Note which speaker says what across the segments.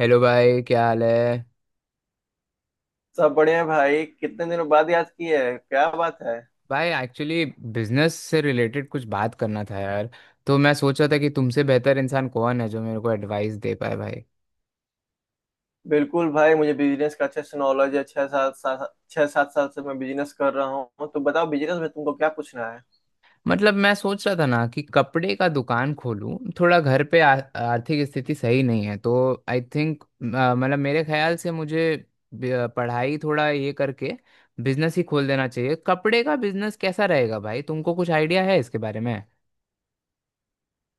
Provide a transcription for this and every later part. Speaker 1: Hello भाई, क्या हाल है।
Speaker 2: सब बढ़िया भाई। कितने दिनों बाद याद किए है, क्या बात है।
Speaker 1: भाई एक्चुअली बिजनेस से रिलेटेड कुछ बात करना था यार। तो मैं सोच रहा था कि तुमसे बेहतर इंसान कौन है जो मेरे को एडवाइस दे पाए भाई।
Speaker 2: बिल्कुल भाई, मुझे बिजनेस का अच्छा सा नॉलेज है। छह सात सात छह सात साल से मैं बिजनेस कर रहा हूँ। तो बताओ, बिजनेस में तुमको क्या पूछना है।
Speaker 1: मतलब मैं सोच रहा था ना कि कपड़े का दुकान खोलूं, थोड़ा घर पे आर्थिक स्थिति सही नहीं है। तो आई थिंक, मतलब मेरे ख्याल से मुझे पढ़ाई थोड़ा ये करके बिजनेस ही खोल देना चाहिए। कपड़े का बिजनेस कैसा रहेगा भाई, तुमको कुछ आइडिया है इसके बारे में?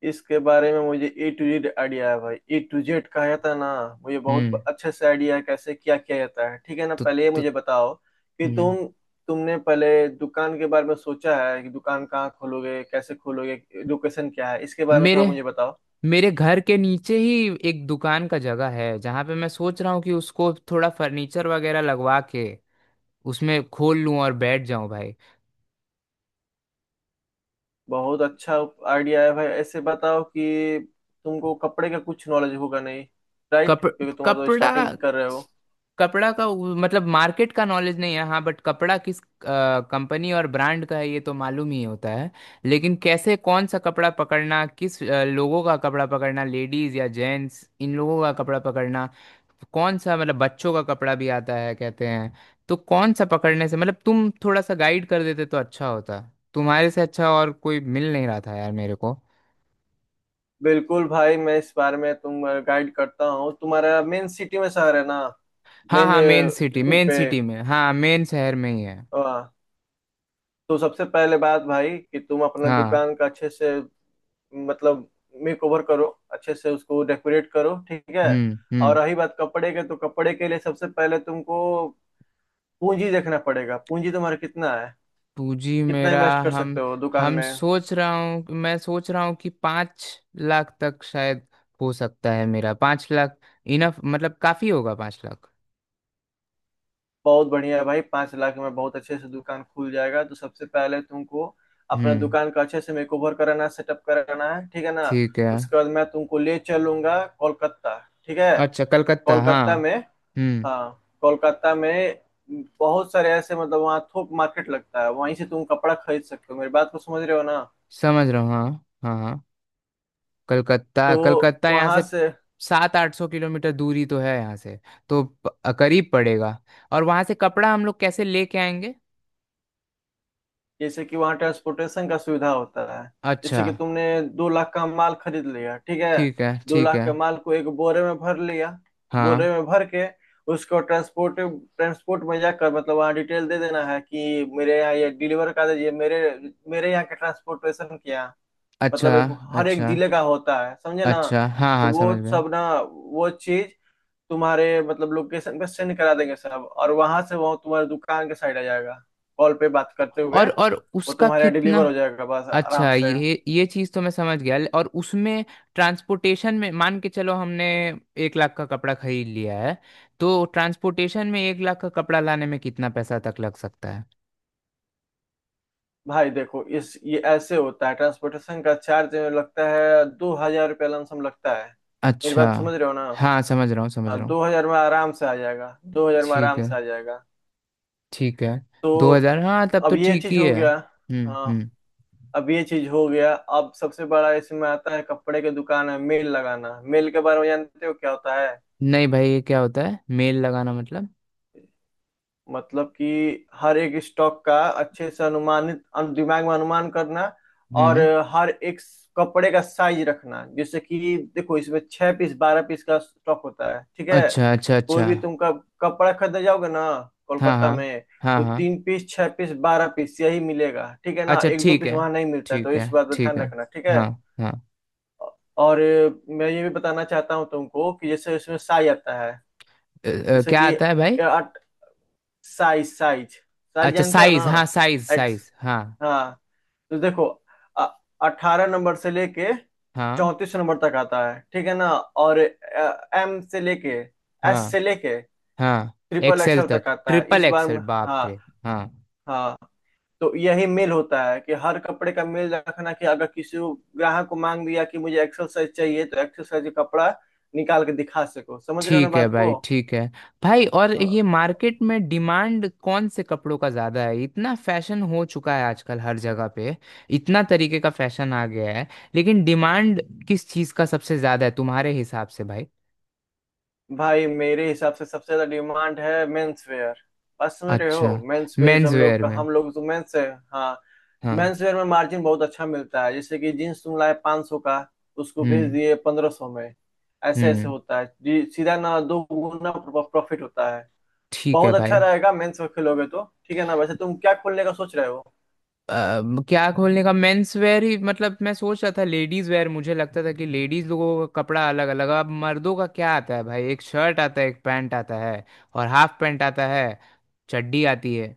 Speaker 2: इसके बारे में मुझे ए टू जेड आइडिया है भाई। ए टू जेड कहा जाता है ना। मुझे
Speaker 1: हम्म।
Speaker 2: बहुत अच्छे से आइडिया है कैसे क्या किया जाता है। ठीक है ना,
Speaker 1: तो,
Speaker 2: पहले ये
Speaker 1: तो
Speaker 2: मुझे बताओ कि
Speaker 1: हम्म।
Speaker 2: तुमने पहले दुकान के बारे में सोचा है कि दुकान कहाँ खोलोगे, कैसे खोलोगे। लोकेशन क्या है, इसके बारे में थोड़ा
Speaker 1: मेरे
Speaker 2: मुझे बताओ।
Speaker 1: मेरे घर के नीचे ही एक दुकान का जगह है जहाँ पे मैं सोच रहा हूँ कि उसको थोड़ा फर्नीचर वगैरह लगवा के उसमें खोल लूँ और बैठ जाऊँ भाई।
Speaker 2: बहुत अच्छा आइडिया है भाई। ऐसे बताओ कि तुमको कपड़े का कुछ नॉलेज होगा नहीं, राइट?
Speaker 1: कप
Speaker 2: क्योंकि तुम तो
Speaker 1: कपड़ा
Speaker 2: स्टार्टिंग कर रहे हो।
Speaker 1: कपड़ा मतलब मार्केट का नॉलेज नहीं है हाँ, बट कपड़ा किस कंपनी और ब्रांड का है ये तो मालूम ही होता है। लेकिन कैसे, कौन सा कपड़ा पकड़ना, किस लोगों का कपड़ा पकड़ना, लेडीज या जेंट्स, इन लोगों का कपड़ा पकड़ना, कौन सा, मतलब बच्चों का कपड़ा भी आता है कहते हैं। तो कौन सा पकड़ने से, मतलब तुम थोड़ा सा गाइड कर देते तो अच्छा होता। तुम्हारे से अच्छा और कोई मिल नहीं रहा था यार मेरे को।
Speaker 2: बिल्कुल भाई, मैं इस बारे में तुम गाइड करता हूँ। तुम्हारा मेन सिटी में शहर है ना,
Speaker 1: हाँ
Speaker 2: मेन
Speaker 1: हाँ, मेन सिटी,
Speaker 2: रूट
Speaker 1: मेन
Speaker 2: पे?
Speaker 1: सिटी में, हाँ मेन शहर में ही है।
Speaker 2: हाँ, तो सबसे पहले बात भाई कि तुम अपना
Speaker 1: हाँ।
Speaker 2: दुकान का अच्छे से मतलब मेक ओवर करो, अच्छे से उसको डेकोरेट करो, ठीक है। और
Speaker 1: हम्म।
Speaker 2: रही बात कपड़े के, तो कपड़े के लिए सबसे पहले तुमको पूंजी देखना पड़ेगा। पूंजी तुम्हारा कितना है,
Speaker 1: पूंजी
Speaker 2: कितना
Speaker 1: मेरा।
Speaker 2: इन्वेस्ट कर
Speaker 1: हम
Speaker 2: सकते हो दुकान
Speaker 1: हम
Speaker 2: में।
Speaker 1: सोच रहा हूँ, मैं सोच रहा हूँ कि 5 लाख तक शायद हो सकता है मेरा। 5 लाख इनफ, मतलब काफी होगा 5 लाख।
Speaker 2: बहुत बढ़िया है भाई, 5 लाख में बहुत अच्छे से दुकान खुल जाएगा। तो सबसे पहले तुमको अपना
Speaker 1: हम्म।
Speaker 2: दुकान का अच्छे से मेकओवर कराना, सेटअप कराना है, ठीक है ना।
Speaker 1: ठीक है।
Speaker 2: उसके बाद मैं तुमको ले चलूंगा कोलकाता, ठीक है।
Speaker 1: अच्छा, कलकत्ता, हाँ।
Speaker 2: कोलकाता में,
Speaker 1: हम्म।
Speaker 2: हाँ कोलकाता में बहुत सारे ऐसे मतलब वहाँ थोक मार्केट लगता है, वहीं से तुम कपड़ा खरीद सकते हो। मेरी बात को समझ रहे हो ना।
Speaker 1: समझ रहा हूँ, हाँ हाँ हाँ। कलकत्ता,
Speaker 2: तो
Speaker 1: कलकत्ता यहाँ
Speaker 2: वहां
Speaker 1: से
Speaker 2: से
Speaker 1: 7-8 सौ किलोमीटर दूरी तो है यहाँ से। करीब पड़ेगा। और वहाँ से कपड़ा हम लोग कैसे लेके आएंगे?
Speaker 2: जैसे कि वहाँ ट्रांसपोर्टेशन का सुविधा होता है। जैसे
Speaker 1: अच्छा।
Speaker 2: कि तुमने 2 लाख का माल खरीद लिया, ठीक है।
Speaker 1: ठीक है,
Speaker 2: दो
Speaker 1: ठीक
Speaker 2: लाख
Speaker 1: है।
Speaker 2: के माल को एक बोरे में भर लिया,
Speaker 1: हाँ।
Speaker 2: बोरे में भर के उसको ट्रांसपोर्ट ट्रांसपोर्ट में जाकर मतलब वहाँ डिटेल दे देना है कि मेरे यहाँ ये डिलीवर कर दीजिए। मेरे मेरे यहाँ के ट्रांसपोर्टेशन क्या,
Speaker 1: अच्छा,
Speaker 2: मतलब एक हर एक
Speaker 1: अच्छा
Speaker 2: जिले का होता है, समझे ना।
Speaker 1: अच्छा, हाँ
Speaker 2: तो
Speaker 1: हाँ
Speaker 2: वो
Speaker 1: समझ गए।
Speaker 2: सब ना, वो चीज तुम्हारे मतलब लोकेशन पे सेंड करा देंगे सब, और वहां से वो तुम्हारे दुकान के साइड आ जाएगा। कॉल पे बात करते हुए
Speaker 1: और
Speaker 2: वो
Speaker 1: उसका
Speaker 2: तुम्हारे यहाँ
Speaker 1: कितना?
Speaker 2: डिलीवर हो जाएगा, बस आराम
Speaker 1: अच्छा,
Speaker 2: से।
Speaker 1: ये चीज़ तो मैं समझ गया। और उसमें ट्रांसपोर्टेशन में, मान के चलो हमने 1 लाख का कपड़ा खरीद लिया है, तो ट्रांसपोर्टेशन में 1 लाख का कपड़ा लाने में कितना पैसा तक लग सकता है?
Speaker 2: भाई देखो, इस ये ऐसे होता है, ट्रांसपोर्टेशन का चार्ज लगता है, 2 हजार रुपया लमसम लगता है। मेरी
Speaker 1: अच्छा।
Speaker 2: बात समझ रहे हो ना।
Speaker 1: हाँ समझ रहा हूँ, समझ
Speaker 2: हाँ,
Speaker 1: रहा हूँ।
Speaker 2: 2 हजार में आराम से आ जाएगा, 2 हजार में
Speaker 1: ठीक
Speaker 2: आराम
Speaker 1: है,
Speaker 2: से आ जाएगा।
Speaker 1: ठीक है।
Speaker 2: तो
Speaker 1: 2 हजार, हाँ तब
Speaker 2: अब
Speaker 1: तो
Speaker 2: ये
Speaker 1: ठीक
Speaker 2: चीज
Speaker 1: ही
Speaker 2: हो
Speaker 1: है।
Speaker 2: गया। हाँ,
Speaker 1: हम्म।
Speaker 2: अब ये चीज हो गया। अब सबसे बड़ा इसमें आता है, कपड़े के दुकान है मेल लगाना। मेल के बारे में जानते हो क्या होता है?
Speaker 1: नहीं भाई, ये क्या होता है मेल लगाना, मतलब?
Speaker 2: मतलब कि हर एक स्टॉक का अच्छे से अनुमानित दिमाग में अनुमान करना, और
Speaker 1: हम्म।
Speaker 2: हर एक कपड़े का साइज रखना। जैसे कि देखो, इसमें 6 पीस 12 पीस का स्टॉक होता है, ठीक है।
Speaker 1: अच्छा अच्छा
Speaker 2: कोई
Speaker 1: अच्छा।
Speaker 2: भी तुम कपड़ा खरीदने जाओगे ना,
Speaker 1: हाँ
Speaker 2: कोलकाता
Speaker 1: हाँ।
Speaker 2: में,
Speaker 1: हाँ।
Speaker 2: तो
Speaker 1: हाँ।
Speaker 2: 3 पीस 6 पीस 12 पीस यही मिलेगा, ठीक है ना।
Speaker 1: अच्छा
Speaker 2: एक दो
Speaker 1: ठीक
Speaker 2: पीस
Speaker 1: है,
Speaker 2: वहां नहीं मिलता है, तो
Speaker 1: ठीक है,
Speaker 2: इस बात का
Speaker 1: ठीक
Speaker 2: ध्यान
Speaker 1: है।
Speaker 2: रखना, ठीक है।
Speaker 1: हाँ। हाँ।
Speaker 2: और मैं ये भी बताना चाहता हूँ तुमको कि जैसे इसमें साइज आता है। जैसे
Speaker 1: क्या
Speaker 2: कि
Speaker 1: आता है भाई?
Speaker 2: साइज साइज साइज
Speaker 1: अच्छा
Speaker 2: जानते हो ना?
Speaker 1: साइज, हाँ, साइज
Speaker 2: एक्स,
Speaker 1: साइज, हाँ।
Speaker 2: हाँ। तो देखो, 18 नंबर से लेके
Speaker 1: हाँ।
Speaker 2: 34 नंबर तक आता है, ठीक है ना। और एम से लेके एस से
Speaker 1: हाँ।
Speaker 2: लेके
Speaker 1: हाँ।
Speaker 2: ट्रिपल
Speaker 1: एक्सेल
Speaker 2: एक्सएल
Speaker 1: तक,
Speaker 2: तक आता है।
Speaker 1: ट्रिपल एक्सेल, बाप
Speaker 2: हाँ,
Speaker 1: रे। हाँ।
Speaker 2: हाँ। तो यही मेल होता है कि हर कपड़े का मेल रखना, कि अगर ग्राहक को मांग दिया कि मुझे एक्सल साइज चाहिए, तो एक्सल साइज का कपड़ा निकाल के दिखा सको। समझ रहे हो ना
Speaker 1: ठीक है
Speaker 2: बात को।
Speaker 1: भाई, ठीक है। भाई और ये
Speaker 2: हाँ।
Speaker 1: मार्केट में डिमांड कौन से कपड़ों का ज्यादा है? इतना फैशन हो चुका है आजकल हर जगह पे, इतना तरीके का फैशन आ गया है। लेकिन डिमांड किस चीज का सबसे ज्यादा है तुम्हारे हिसाब से भाई?
Speaker 2: भाई मेरे हिसाब से सबसे ज्यादा डिमांड है मेंस वेयर। बात समझ रहे
Speaker 1: अच्छा,
Speaker 2: हो, मेंस वेयर।
Speaker 1: मेंस
Speaker 2: हम लोग
Speaker 1: वेयर
Speaker 2: का,
Speaker 1: में।
Speaker 2: हम लोग तो मेंस है। हाँ,
Speaker 1: हाँ।
Speaker 2: मेंस वेयर में मार्जिन बहुत अच्छा मिलता है। जैसे कि जीन्स तुम लाए 500 सौ का, उसको भेज
Speaker 1: हम्म
Speaker 2: दिए 1500 में। ऐसे ऐसे
Speaker 1: हम्म।
Speaker 2: होता है जी, सीधा ना दो गुना प्रॉफिट होता है।
Speaker 1: ठीक है
Speaker 2: बहुत अच्छा
Speaker 1: भाई।
Speaker 2: रहेगा मेंस वेयर खोलोगे तो, ठीक है ना। वैसे तुम क्या खोलने का सोच रहे हो?
Speaker 1: क्या खोलने का, मेंस वेयर ही, मतलब मैं सोच रहा था लेडीज वेयर। मुझे लगता था कि लेडीज लोगों का कपड़ा अलग अलग। अब मर्दों का क्या आता है भाई, एक शर्ट आता है, एक पैंट आता है और हाफ पैंट आता है, चड्डी आती है।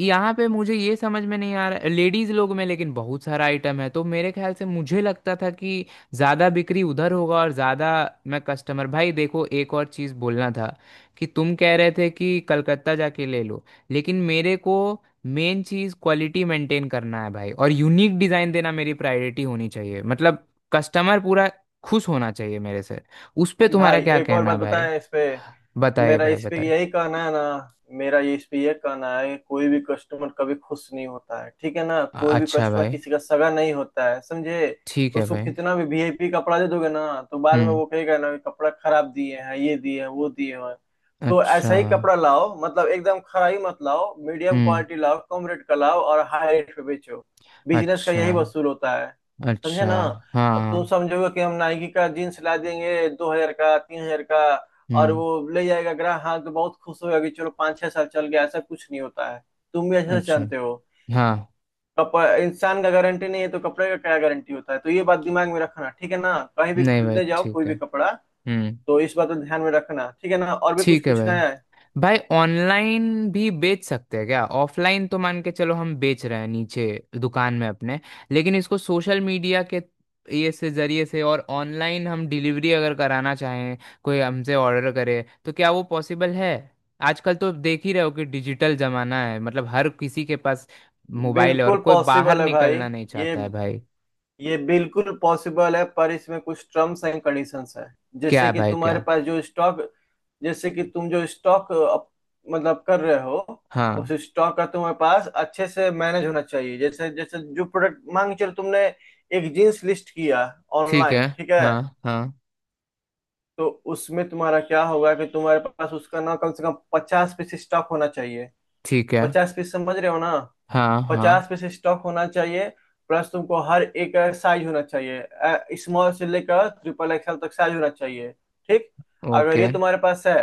Speaker 1: यहाँ पे मुझे ये समझ में नहीं आ रहा। लेडीज लोग में लेकिन बहुत सारा आइटम है, तो मेरे ख्याल से मुझे लगता था कि ज़्यादा बिक्री उधर होगा और ज़्यादा मैं कस्टमर। भाई देखो, एक और चीज़ बोलना था कि तुम कह रहे थे कि कलकत्ता जाके ले लो, लेकिन मेरे को मेन चीज क्वालिटी मेंटेन करना है भाई, और यूनिक डिजाइन देना मेरी प्रायोरिटी होनी चाहिए। मतलब कस्टमर पूरा खुश होना चाहिए मेरे से। उस पे तुम्हारा
Speaker 2: भाई
Speaker 1: क्या
Speaker 2: एक और
Speaker 1: कहना है
Speaker 2: बात
Speaker 1: भाई?
Speaker 2: बताएं इस पे।
Speaker 1: बताइए
Speaker 2: मेरा
Speaker 1: भाई,
Speaker 2: इस पे
Speaker 1: बताइए।
Speaker 2: यही कहना है ना, मेरा ये इस पे ये कहना है, कोई भी कस्टमर कभी खुश नहीं होता है, ठीक है ना। कोई भी
Speaker 1: अच्छा
Speaker 2: कस्टमर
Speaker 1: भाई।
Speaker 2: किसी का सगा नहीं होता है, समझे।
Speaker 1: ठीक है
Speaker 2: उसको
Speaker 1: भाई।
Speaker 2: कितना भी वीआईपी कपड़ा दे दोगे ना, तो बाद में
Speaker 1: हम्म।
Speaker 2: वो कहेगा ना कि कपड़ा खराब दिए हैं, ये दिए हैं, वो दिए हैं। तो
Speaker 1: अच्छा।
Speaker 2: ऐसा ही कपड़ा लाओ, मतलब एकदम खरा ही मत लाओ, मीडियम
Speaker 1: हम्म।
Speaker 2: क्वालिटी लाओ, कम रेट का लाओ और हाई रेट पे बेचो। बिजनेस का
Speaker 1: अच्छा,
Speaker 2: यही वसूल होता है, समझे
Speaker 1: अच्छा।
Speaker 2: ना।
Speaker 1: हाँ
Speaker 2: अब तुम
Speaker 1: हाँ।
Speaker 2: समझोगे कि हम नाइकी का जीन्स ला देंगे 2 हजार का 3 हजार का, और
Speaker 1: हम्म।
Speaker 2: वो ले जाएगा ग्राहक, हाँ तो बहुत खुश होगा कि चलो पाँच छह साल चल गया, ऐसा कुछ नहीं होता है। तुम भी अच्छे से
Speaker 1: अच्छा।
Speaker 2: जानते हो।
Speaker 1: हाँ।
Speaker 2: कपड़ा इंसान का गारंटी नहीं है, तो कपड़े का क्या गारंटी होता है। तो ये बात दिमाग में रखना, ठीक है ना, कहीं भी
Speaker 1: नहीं भाई
Speaker 2: खरीदने जाओ कोई
Speaker 1: ठीक है।
Speaker 2: भी कपड़ा।
Speaker 1: हम्म।
Speaker 2: तो इस बात को ध्यान में रखना, ठीक है ना। और भी कुछ
Speaker 1: ठीक है
Speaker 2: पूछना
Speaker 1: भाई।
Speaker 2: है?
Speaker 1: भाई ऑनलाइन भी बेच सकते हैं क्या? ऑफलाइन तो मान के चलो हम बेच रहे हैं नीचे दुकान में अपने, लेकिन इसको सोशल मीडिया के ये से, जरिए से, और ऑनलाइन हम डिलीवरी अगर कराना चाहें, कोई हमसे ऑर्डर करे, तो क्या वो पॉसिबल है? आजकल तो देख ही रहे हो कि डिजिटल जमाना है, मतलब हर किसी के पास मोबाइल है और
Speaker 2: बिल्कुल
Speaker 1: कोई बाहर
Speaker 2: पॉसिबल है भाई।
Speaker 1: निकलना नहीं
Speaker 2: ये
Speaker 1: चाहता है भाई।
Speaker 2: ये बिल्कुल पॉसिबल है, पर इसमें कुछ टर्म्स एंड कंडीशंस है।
Speaker 1: क्या
Speaker 2: जैसे
Speaker 1: है
Speaker 2: कि
Speaker 1: भाई,
Speaker 2: तुम्हारे
Speaker 1: क्या?
Speaker 2: पास जो स्टॉक, जैसे कि तुम जो स्टॉक मतलब कर रहे हो, उस
Speaker 1: हाँ।
Speaker 2: स्टॉक का तुम्हारे पास अच्छे से मैनेज होना चाहिए। जैसे जैसे जो प्रोडक्ट मांग, चलो तुमने एक जींस लिस्ट किया
Speaker 1: ठीक
Speaker 2: ऑनलाइन,
Speaker 1: है।
Speaker 2: ठीक है।
Speaker 1: हाँ हाँ।
Speaker 2: तो उसमें तुम्हारा क्या होगा, कि तुम्हारे पास उसका ना कम से कम 50 पीस स्टॉक होना चाहिए।
Speaker 1: ठीक है।
Speaker 2: 50 पीस, समझ रहे हो ना,
Speaker 1: हाँ हाँ।
Speaker 2: 50 पीस स्टॉक होना चाहिए। प्लस तुमको हर एक साइज होना चाहिए, स्मॉल से लेकर ट्रिपल एक्सएल तक साइज होना चाहिए, ठीक। अगर
Speaker 1: ओके।
Speaker 2: ये तुम्हारे पास है,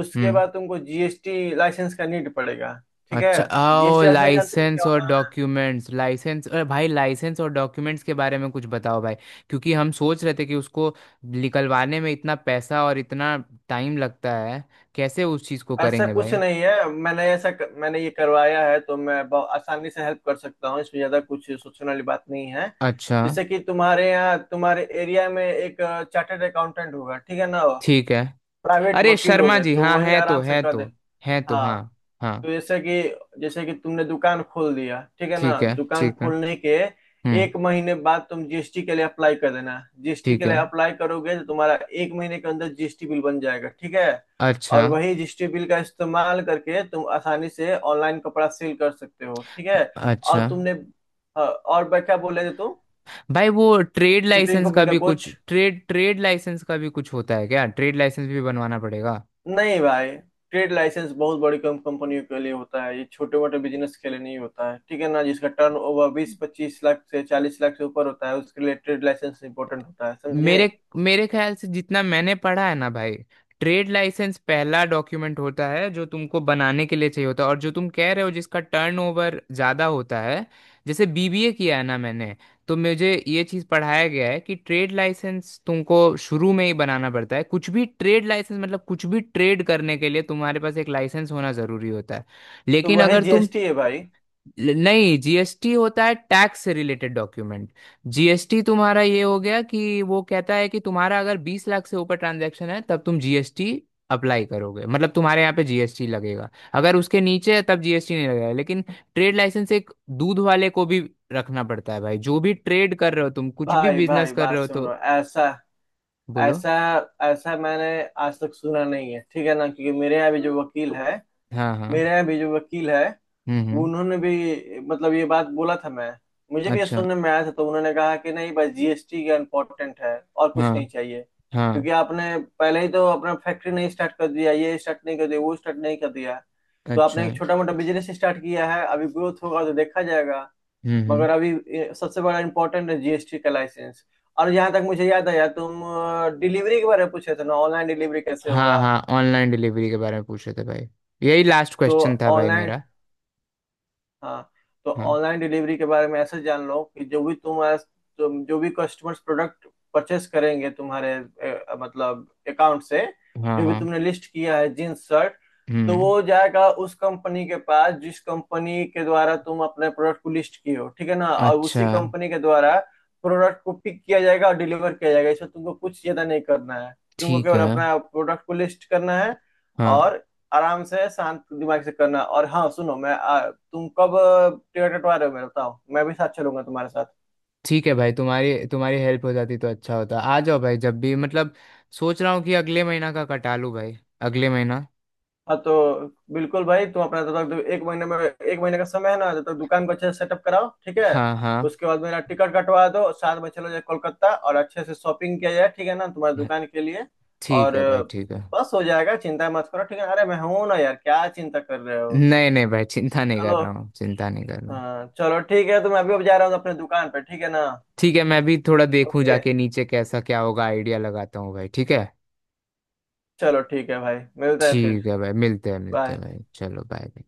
Speaker 2: उसके
Speaker 1: हम्म।
Speaker 2: बाद तुमको जीएसटी लाइसेंस का नीड पड़ेगा, ठीक है।
Speaker 1: अच्छा, आओ
Speaker 2: जीएसटी लाइसेंस जानते हो क्या
Speaker 1: लाइसेंस और
Speaker 2: होता है?
Speaker 1: डॉक्यूमेंट्स, लाइसेंस, अरे भाई लाइसेंस और डॉक्यूमेंट्स के बारे में कुछ बताओ भाई। क्योंकि हम सोच रहे थे कि उसको निकलवाने में इतना पैसा और इतना टाइम लगता है, कैसे उस चीज़ को
Speaker 2: ऐसा
Speaker 1: करेंगे
Speaker 2: कुछ
Speaker 1: भाई?
Speaker 2: नहीं है, मैंने ये करवाया है, तो मैं बहुत आसानी से हेल्प कर सकता हूँ इसमें। ज्यादा कुछ सोचने वाली बात नहीं है।
Speaker 1: अच्छा।
Speaker 2: जैसे कि तुम्हारे यहाँ, तुम्हारे एरिया में एक चार्टर्ड अकाउंटेंट होगा, ठीक है ना,
Speaker 1: ठीक है।
Speaker 2: प्राइवेट
Speaker 1: अरे
Speaker 2: वकील हो
Speaker 1: शर्मा
Speaker 2: गए,
Speaker 1: जी
Speaker 2: तो
Speaker 1: हाँ,
Speaker 2: वही
Speaker 1: है तो,
Speaker 2: आराम से
Speaker 1: है
Speaker 2: कर दे।
Speaker 1: तो, है तो,
Speaker 2: हाँ।
Speaker 1: हाँ। हाँ।
Speaker 2: तो जैसे कि तुमने दुकान खोल दिया, ठीक है
Speaker 1: ठीक
Speaker 2: ना।
Speaker 1: है,
Speaker 2: दुकान
Speaker 1: ठीक है।
Speaker 2: खोलने के
Speaker 1: हम्म।
Speaker 2: एक महीने बाद तुम जीएसटी के लिए अप्लाई कर देना। जीएसटी
Speaker 1: ठीक
Speaker 2: के
Speaker 1: है।
Speaker 2: लिए अप्लाई करोगे तो तुम्हारा एक महीने के अंदर जीएसटी बिल बन जाएगा, ठीक है।
Speaker 1: अच्छा।
Speaker 2: और वही जीएसटी बिल का इस्तेमाल करके तुम आसानी से ऑनलाइन कपड़ा सेल कर सकते हो, ठीक है। और
Speaker 1: अच्छा।
Speaker 2: तुमने, हाँ, और क्या बोले थे तुम,
Speaker 1: भाई वो ट्रेड
Speaker 2: शिपिंग
Speaker 1: लाइसेंस का
Speaker 2: कंपनी का
Speaker 1: भी
Speaker 2: कुछ?
Speaker 1: कुछ, ट्रेड ट्रेड लाइसेंस का भी कुछ होता है क्या? ट्रेड लाइसेंस भी बनवाना पड़ेगा?
Speaker 2: नहीं भाई, ट्रेड लाइसेंस बहुत बड़ी कम कंपनियों के लिए होता है, ये छोटे मोटे बिजनेस के लिए नहीं होता है, ठीक है ना। जिसका टर्न ओवर 20-25 लाख से 40 लाख से ऊपर होता है, उसके लिए ट्रेड लाइसेंस इंपॉर्टेंट होता है, समझे।
Speaker 1: मेरे मेरे ख्याल से जितना मैंने पढ़ा है ना भाई, ट्रेड लाइसेंस पहला डॉक्यूमेंट होता है जो तुमको बनाने के लिए चाहिए होता है। और जो तुम कह रहे हो जिसका टर्नओवर ज़्यादा होता है, जैसे बीबीए किया है ना मैंने, तो मुझे ये चीज़ पढ़ाया गया है कि ट्रेड लाइसेंस तुमको शुरू में ही बनाना पड़ता है। कुछ भी ट्रेड लाइसेंस मतलब कुछ भी ट्रेड करने के लिए तुम्हारे पास एक लाइसेंस होना ज़रूरी होता है।
Speaker 2: तो
Speaker 1: लेकिन
Speaker 2: वही
Speaker 1: अगर तुम,
Speaker 2: जीएसटी है भाई।
Speaker 1: नहीं, जीएसटी होता है टैक्स से रिलेटेड डॉक्यूमेंट। जीएसटी तुम्हारा ये हो गया कि वो कहता है कि तुम्हारा अगर 20 लाख से ऊपर ट्रांजैक्शन है तब तुम जीएसटी अप्लाई करोगे, मतलब तुम्हारे यहाँ पे जीएसटी लगेगा। अगर उसके नीचे है तब जीएसटी नहीं लगेगा। लेकिन ट्रेड लाइसेंस एक दूध वाले को भी रखना पड़ता है भाई। जो भी ट्रेड कर रहे हो तुम, कुछ भी
Speaker 2: भाई
Speaker 1: बिजनेस
Speaker 2: भाई
Speaker 1: कर
Speaker 2: बात
Speaker 1: रहे हो तो।
Speaker 2: सुनो। ऐसा
Speaker 1: बोलो।
Speaker 2: ऐसा ऐसा मैंने आज तक सुना नहीं है, ठीक है ना। क्योंकि मेरे यहाँ भी जो वकील है,
Speaker 1: हाँ हाँ।
Speaker 2: मेरे यहाँ भी जो वकील है वो
Speaker 1: हम्म।
Speaker 2: उन्होंने भी मतलब ये बात बोला था। मैं मुझे भी ये
Speaker 1: अच्छा।
Speaker 2: सुनने में आया था, तो उन्होंने कहा कि नहीं, बस जीएसटी का इम्पोर्टेंट है, और कुछ
Speaker 1: हाँ।
Speaker 2: नहीं चाहिए,
Speaker 1: हाँ।
Speaker 2: क्योंकि आपने पहले ही तो अपना फैक्ट्री नहीं स्टार्ट कर दिया, ये स्टार्ट नहीं कर दिया, वो स्टार्ट नहीं कर दिया। तो आपने
Speaker 1: अच्छा।
Speaker 2: एक छोटा मोटा बिजनेस स्टार्ट किया है, अभी ग्रोथ होगा तो देखा जाएगा।
Speaker 1: हम्म।
Speaker 2: मगर अभी ये सबसे बड़ा इम्पोर्टेंट है, जीएसटी का लाइसेंस। और जहाँ तक मुझे याद आया, तुम डिलीवरी के बारे में पूछे थे ना, ऑनलाइन डिलीवरी कैसे
Speaker 1: हाँ
Speaker 2: होगा।
Speaker 1: हाँ। ऑनलाइन डिलीवरी के बारे में पूछ रहे थे भाई, यही लास्ट
Speaker 2: तो
Speaker 1: क्वेश्चन था भाई
Speaker 2: ऑनलाइन,
Speaker 1: मेरा।
Speaker 2: हाँ, तो
Speaker 1: हाँ।
Speaker 2: ऑनलाइन डिलीवरी के बारे में ऐसे जान लो कि जो भी तुम तुम जो भी कस्टमर्स प्रोडक्ट परचेस करेंगे तुम्हारे मतलब अकाउंट से,
Speaker 1: हाँ।
Speaker 2: जो भी
Speaker 1: हाँ।
Speaker 2: तुमने लिस्ट किया है जींस शर्ट, तो
Speaker 1: हम्म।
Speaker 2: वो जाएगा उस कंपनी के पास जिस कंपनी के द्वारा तुम अपने प्रोडक्ट को लिस्ट किए हो, ठीक है ना। और
Speaker 1: अच्छा।
Speaker 2: उसी कंपनी के द्वारा प्रोडक्ट को पिक किया जाएगा और डिलीवर किया जाएगा। इसमें तुमको कुछ ज्यादा नहीं करना है। तुमको
Speaker 1: ठीक
Speaker 2: केवल
Speaker 1: है।
Speaker 2: अपना प्रोडक्ट को लिस्ट करना है,
Speaker 1: हाँ।
Speaker 2: और आराम से शांत दिमाग से करना। और हाँ सुनो, मैं तुम कब टिकट कटवा रहे हो, मेरा बताओ, मैं भी साथ चलूंगा तुम्हारे साथ।
Speaker 1: ठीक है भाई, तुम्हारी तुम्हारी हेल्प हो जाती तो अच्छा होता। आ जाओ भाई जब भी, मतलब सोच रहा हूँ कि अगले महीना का कटा लूँ भाई, अगले महीना।
Speaker 2: हाँ तो बिल्कुल भाई, तुम अपना, जब तक एक महीने में, एक महीने का समय है ना, जब तक दुकान को अच्छे से सेटअप कराओ, ठीक है।
Speaker 1: हाँ हाँ।
Speaker 2: उसके बाद मेरा टिकट कटवा दो, साथ में चलो, जाए कोलकाता, और अच्छे से शॉपिंग किया जाए, ठीक है ना, तुम्हारी दुकान के लिए।
Speaker 1: ठीक
Speaker 2: और
Speaker 1: है भाई, ठीक है।
Speaker 2: बस हो जाएगा, चिंता मत करो, ठीक है। अरे मैं हूं ना यार, क्या चिंता कर रहे हो।
Speaker 1: नहीं नहीं भाई, चिंता नहीं
Speaker 2: चलो,
Speaker 1: कर रहा हूँ, चिंता नहीं कर रहा हूँ।
Speaker 2: हाँ चलो ठीक है, तो मैं अभी अब जा रहा हूँ अपने दुकान पर, ठीक है ना।
Speaker 1: ठीक है, मैं भी थोड़ा देखूँ
Speaker 2: ओके,
Speaker 1: जाके नीचे कैसा क्या होगा, आइडिया लगाता हूँ भाई, ठीक है।
Speaker 2: चलो, ठीक है भाई, मिलते हैं फिर।
Speaker 1: ठीक है भाई, मिलते हैं, मिलते हैं
Speaker 2: बाय।
Speaker 1: भाई, चलो बाय।